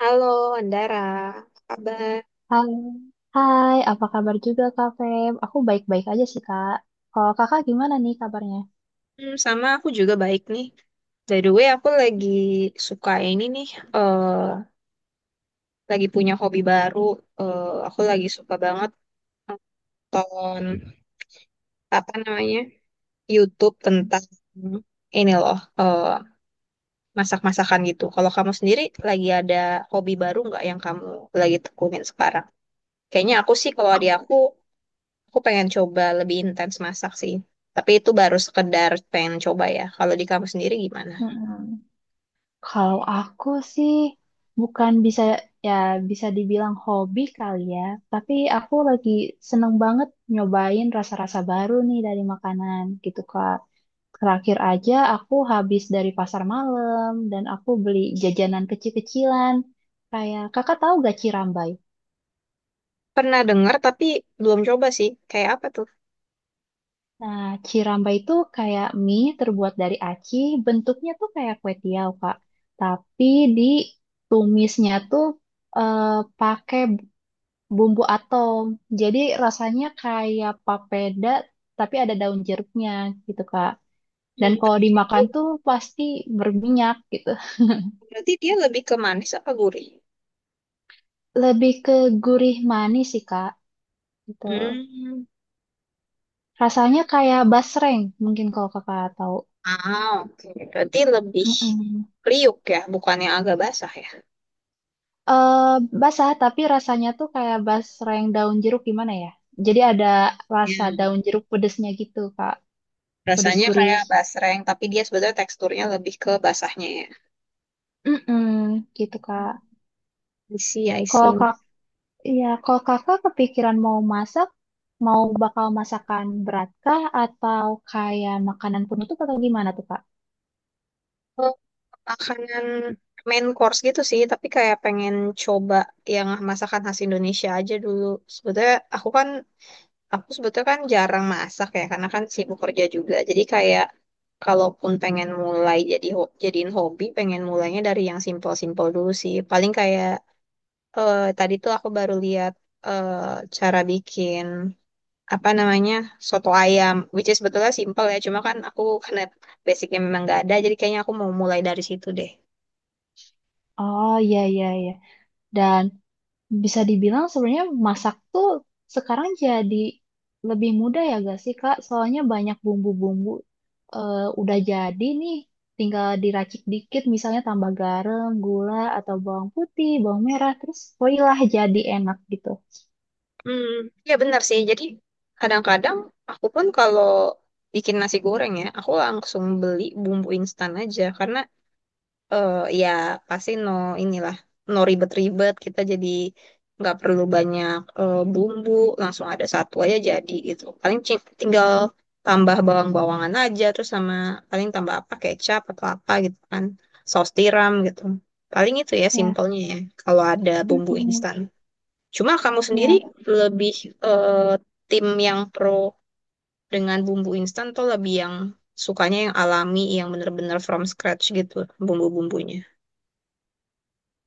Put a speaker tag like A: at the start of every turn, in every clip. A: Halo, Andara. Apa kabar?
B: Hai, hai, apa kabar juga Kak Feb? Aku baik-baik aja sih Kak. Kalau Kakak gimana nih kabarnya?
A: Hmm, sama aku juga baik nih. By the way, aku lagi suka ini nih, eh lagi punya hobi baru. Aku lagi suka banget tonton apa namanya YouTube tentang ini loh, masak-masakan gitu. Kalau kamu sendiri lagi ada hobi baru nggak yang kamu lagi tekunin sekarang? Kayaknya aku sih kalau di aku pengen coba lebih intens masak sih. Tapi itu baru sekedar pengen coba ya. Kalau di kamu sendiri gimana?
B: Mm-mm. Kalau aku sih bukan bisa ya bisa dibilang hobi kali ya, tapi aku lagi seneng banget nyobain rasa-rasa baru nih dari makanan gitu Kak. Terakhir aja aku habis dari pasar malam dan aku beli jajanan kecil-kecilan. Kayak Kakak tahu gak Cirambay?
A: Pernah dengar tapi belum coba sih. Kayak apa tuh?
B: Nah, ciramba itu kayak mie terbuat dari aci, bentuknya tuh kayak kue tiaw, Kak. Tapi ditumisnya tuh eh, pakai bumbu atom. Jadi rasanya kayak papeda, tapi ada daun jeruknya gitu, Kak. Dan
A: Hmm.
B: kalau
A: Tapi dia
B: dimakan
A: tuh
B: tuh pasti berminyak gitu.
A: berarti dia lebih ke manis apa gurih?
B: Lebih ke gurih manis sih, Kak. Gitu.
A: Hmm.
B: Rasanya kayak basreng, mungkin kalau Kakak tahu.
A: Ah, oke. Berarti lebih
B: Mm-mm.
A: kriuk ya, bukannya agak basah ya.
B: eh Basah tapi rasanya tuh kayak basreng daun jeruk gimana ya? Jadi ada rasa
A: Ya.
B: daun jeruk pedesnya gitu, Kak. Pedes
A: Rasanya
B: gurih.
A: kayak basreng, tapi dia sebenarnya teksturnya lebih ke basahnya ya.
B: Mm-mm, gitu, Kak.
A: I see, I
B: Kalau
A: see.
B: kak, Ya, kalau Kakak kepikiran mau masak, mau bakal masakan berat kah atau kayak makanan penutup atau gimana tuh, Kak?
A: Oh, makanan main course gitu sih, tapi kayak pengen coba yang masakan khas Indonesia aja dulu. Sebenarnya aku kan Aku sebetulnya kan jarang masak ya, karena kan sibuk kerja juga. Jadi kayak kalaupun pengen mulai jadi jadiin hobi, pengen mulainya dari yang simpel-simpel dulu sih. Paling kayak tadi tuh aku baru lihat eh, cara bikin apa namanya soto ayam, which is sebetulnya simpel ya. Cuma kan aku karena basicnya memang nggak ada, jadi kayaknya aku mau mulai dari situ deh.
B: Oh, iya, iya, iya. Dan bisa dibilang sebenarnya masak tuh sekarang jadi lebih mudah ya gak sih Kak? Soalnya banyak bumbu-bumbu udah jadi nih, tinggal diracik dikit misalnya tambah garam, gula, atau bawang putih, bawang merah, terus voila jadi enak gitu.
A: Hmm, ya benar sih. Jadi kadang-kadang aku pun kalau bikin nasi goreng ya, aku langsung beli bumbu instan aja karena eh ya pasti no inilah no ribet-ribet kita jadi nggak perlu banyak bumbu langsung ada satu aja jadi gitu paling tinggal tambah bawang-bawangan aja terus sama paling tambah apa kecap atau apa gitu kan saus tiram gitu paling itu ya
B: Ya,
A: simpelnya ya kalau ada bumbu
B: mm-mm.
A: instan cuma kamu sendiri
B: Ya,
A: lebih eh, tim yang pro dengan bumbu instan atau lebih yang sukanya yang alami yang bener-bener from scratch gitu bumbu-bumbunya.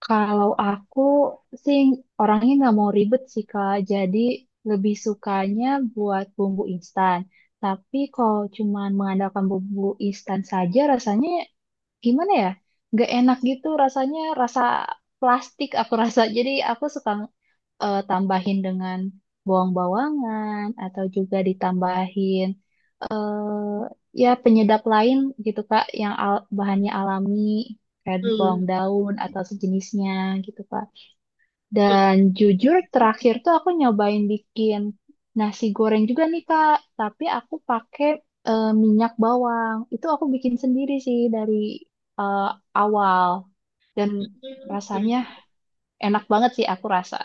B: kalau aku sih orangnya nggak mau ribet sih Kak, jadi lebih sukanya buat bumbu instan. Tapi kalau cuma mengandalkan bumbu instan saja rasanya gimana ya, nggak enak gitu, rasanya rasa plastik aku rasa. Jadi aku suka tambahin dengan bawang-bawangan atau juga ditambahin eh ya penyedap lain gitu Kak, yang bahannya alami kayak bawang
A: Hmm.
B: daun atau sejenisnya gitu Kak. Dan jujur terakhir tuh aku nyobain bikin nasi goreng juga nih Kak, tapi aku pakai minyak bawang. Itu aku bikin sendiri sih dari eh, awal dan rasanya enak banget sih aku rasa.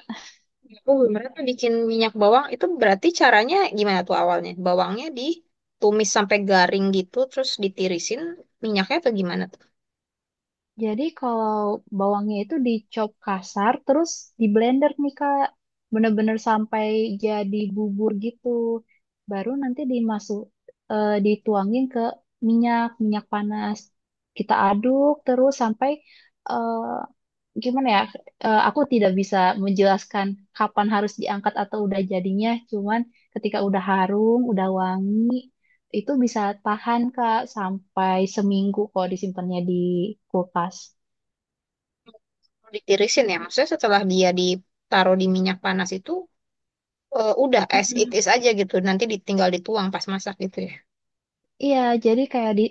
A: Oh, mereka bikin minyak bawang itu berarti caranya gimana tuh awalnya? Bawangnya ditumis sampai garing gitu, terus ditirisin minyaknya atau gimana tuh?
B: Jadi kalau bawangnya itu dicop kasar, terus di blender nih Kak, bener-bener sampai jadi bubur gitu. Baru nanti dituangin ke minyak panas. Kita aduk terus sampai eh, gimana ya? Aku tidak bisa menjelaskan kapan harus diangkat atau udah jadinya. Cuman ketika udah harum, udah wangi, itu bisa tahan Kak sampai seminggu kok disimpannya di kulkas.
A: Kalau ditirisin ya, maksudnya setelah dia ditaruh di minyak panas itu udah as it
B: Mm-mm.
A: is aja gitu, nanti ditinggal dituang pas masak gitu ya.
B: Iya, jadi kayak di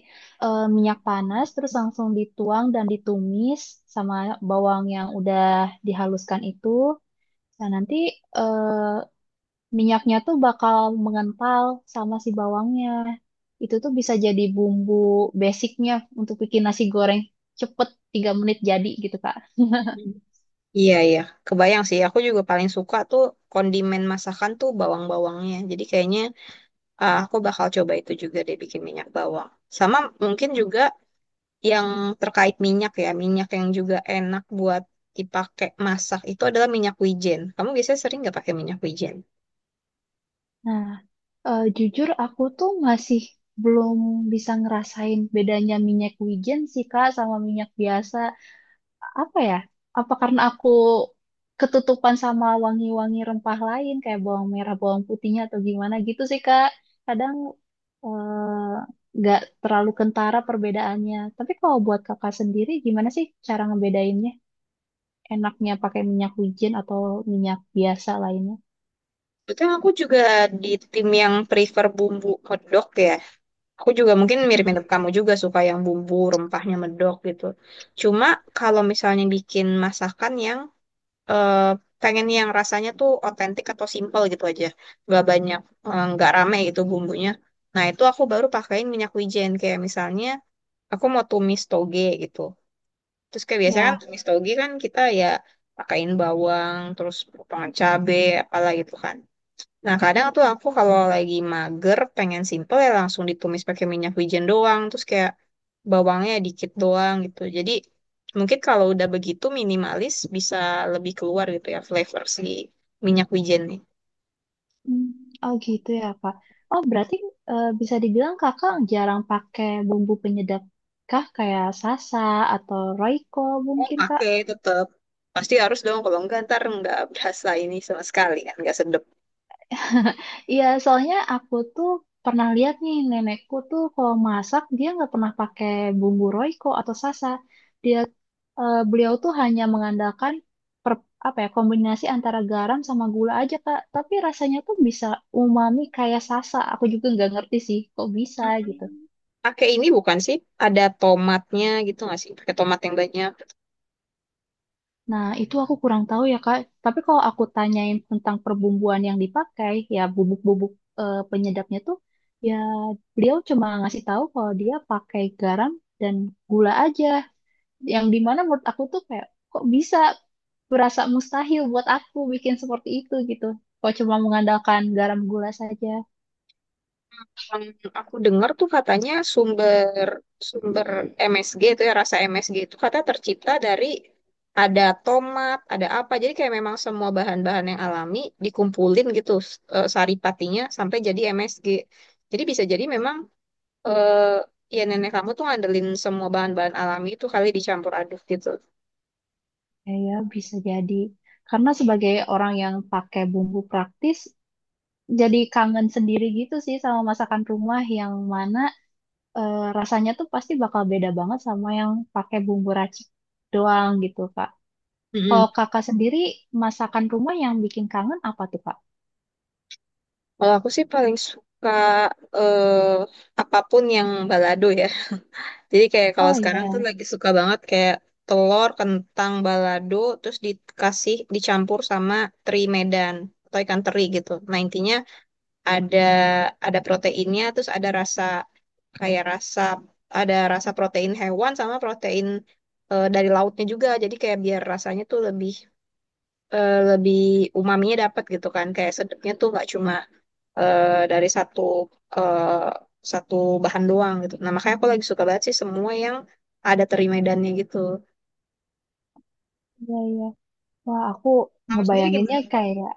B: minyak panas terus langsung dituang dan ditumis sama bawang yang udah dihaluskan itu. Nah, nanti eh, minyaknya tuh bakal mengental sama si bawangnya. Itu tuh bisa jadi bumbu basicnya untuk bikin nasi goreng cepet 3 menit jadi gitu, Kak.
A: Mhm. Iya iya, kebayang sih. Aku juga paling suka tuh kondimen masakan tuh bawang-bawangnya. Jadi kayaknya ah, aku bakal coba itu juga deh bikin minyak bawang. Sama mungkin juga yang terkait minyak ya, minyak yang juga enak buat dipakai masak itu adalah minyak wijen. Kamu biasanya sering nggak pakai minyak wijen?
B: Nah, jujur aku tuh masih belum bisa ngerasain bedanya minyak wijen sih Kak sama minyak biasa. Apa ya? Apa karena aku ketutupan sama wangi-wangi rempah lain kayak bawang merah, bawang putihnya atau gimana gitu sih Kak. Kadang eh, nggak terlalu kentara perbedaannya. Tapi kalau buat Kakak sendiri gimana sih cara ngebedainnya? Enaknya pakai minyak wijen atau minyak biasa lainnya?
A: Betul, aku juga di tim yang prefer bumbu medok ya. Aku juga mungkin mirip-mirip kamu juga suka yang bumbu rempahnya medok gitu. Cuma kalau misalnya bikin masakan yang eh, pengen yang rasanya tuh otentik atau simple gitu aja, nggak banyak, nggak rame gitu bumbunya. Nah, itu aku baru pakein minyak wijen kayak misalnya aku mau tumis toge gitu. Terus kayak biasanya kan
B: Ya.
A: tumis toge kan kita ya pakain bawang, terus potongan cabe, apalah gitu kan. Nah kadang tuh aku kalau lagi mager, pengen simple ya langsung ditumis pakai minyak wijen doang, terus kayak bawangnya dikit doang gitu. Jadi mungkin kalau udah begitu minimalis bisa lebih keluar gitu ya flavor si minyak wijen nih.
B: Hmm. Oh, gitu ya Pak. Oh berarti bisa dibilang Kakak jarang pakai bumbu penyedap kah kayak sasa atau Royco mungkin Kak?
A: Pakai tetap pasti harus dong kalau enggak ntar nggak berasa ini sama sekali kan nggak sedap.
B: Iya soalnya aku tuh pernah lihat nih nenekku tuh kalau masak dia nggak pernah pakai bumbu Royco atau sasa. Dia Beliau tuh hanya mengandalkan per, apa ya kombinasi antara garam sama gula aja Kak. Tapi rasanya tuh bisa umami kayak sasa. Aku juga nggak ngerti sih kok bisa
A: Hmm,
B: gitu.
A: pakai ini bukan sih? Ada tomatnya gitu nggak sih? Pakai tomat yang banyak.
B: Nah, itu aku kurang tahu ya, Kak. Tapi kalau aku tanyain tentang perbumbuan yang dipakai, ya bubuk-bubuk penyedapnya tuh, ya beliau cuma ngasih tahu kalau dia pakai garam dan gula aja. Yang dimana menurut aku tuh kayak, kok bisa berasa mustahil buat aku bikin seperti itu gitu. Kok cuma mengandalkan garam gula saja.
A: Terus yang aku dengar tuh katanya sumber sumber MSG itu ya rasa MSG itu kata tercipta dari ada tomat, ada apa. Jadi kayak memang semua bahan-bahan yang alami dikumpulin gitu sari sampai jadi MSG. Jadi bisa jadi memang eh, ya nenek kamu tuh ngandelin semua bahan-bahan alami itu kali dicampur aduk gitu.
B: Ya, ya bisa jadi. Karena sebagai orang yang pakai bumbu praktis, jadi kangen sendiri gitu sih sama masakan rumah yang mana rasanya tuh pasti bakal beda banget sama yang pakai bumbu racik doang gitu, Kak. Kalau kakak sendiri, masakan rumah yang bikin kangen apa tuh, Kak?
A: Kalau aku sih paling suka eh, apapun yang balado ya. Jadi kayak kalau
B: Oh
A: sekarang tuh
B: iya,
A: lagi suka banget kayak telur, kentang, balado, terus dikasih dicampur sama teri Medan atau ikan teri gitu. Nah intinya ada ada proteinnya, terus ada rasa kayak rasa ada rasa protein hewan sama protein dari lautnya juga. Jadi kayak biar rasanya tuh lebih lebih umaminya dapat gitu kan. Kayak sedapnya tuh nggak cuma dari eh, satu bahan doang gitu. Nah, makanya aku lagi suka banget sih semua yang ada teri medannya gitu.
B: iya, iya. Wah, aku
A: Kamu sendiri
B: ngebayanginnya
A: gimana?
B: kayak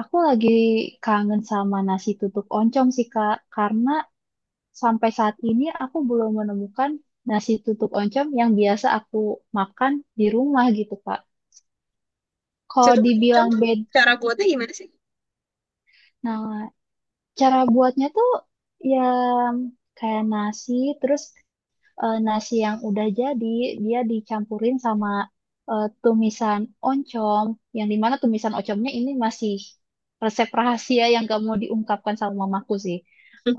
B: aku lagi kangen sama nasi tutuk oncom sih, Kak. Karena sampai saat ini aku belum menemukan nasi tutuk oncom yang biasa aku makan di rumah gitu, Kak. Kalau
A: Situ oncom
B: dibilang
A: tuh
B: beda,
A: cara buatnya gimana sih?
B: nah cara buatnya tuh ya kayak nasi, terus nasi yang udah jadi dia dicampurin sama tumisan oncom, yang dimana tumisan oncomnya ini masih resep rahasia yang gak mau diungkapkan sama mamaku sih.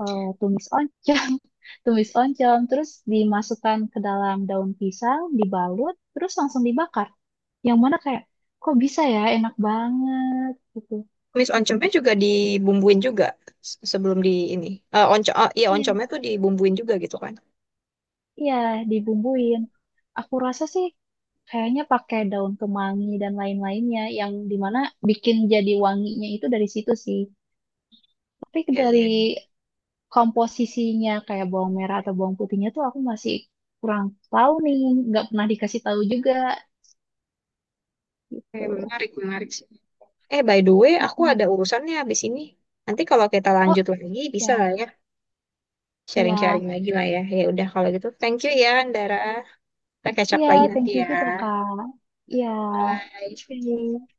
B: Eh, tumis oncom, tumis oncom, terus dimasukkan ke dalam daun pisang, dibalut, terus langsung dibakar. Yang mana kayak kok bisa ya, enak banget gitu.
A: Mis oncomnya juga dibumbuin juga sebelum di ini. Eh oncom, oh, iya oncomnya
B: Iya.
A: tuh dibumbuin juga gitu kan?
B: Iya, dibumbuin. Aku rasa sih kayaknya pakai daun kemangi dan lain-lainnya yang dimana bikin jadi wanginya itu dari situ sih. Tapi
A: Iya, iya,
B: dari
A: iya.
B: komposisinya kayak bawang merah atau bawang putihnya tuh aku masih kurang tahu nih, nggak pernah dikasih tahu juga
A: Eh,
B: gitu.
A: menarik, menarik sih. Eh, by the way, aku
B: Mm-mm.
A: ada urusannya habis ini. Nanti kalau kita
B: Oh
A: lanjut lagi, bisa
B: ya,
A: lah ya.
B: iya,
A: Sharing-sharing lagi lah ya. Ya udah, kalau gitu. Thank you ya, Andara. Kita catch up
B: iya,
A: lagi nanti
B: thank you
A: ya.
B: juga kak. Iya,
A: Bye.
B: oke.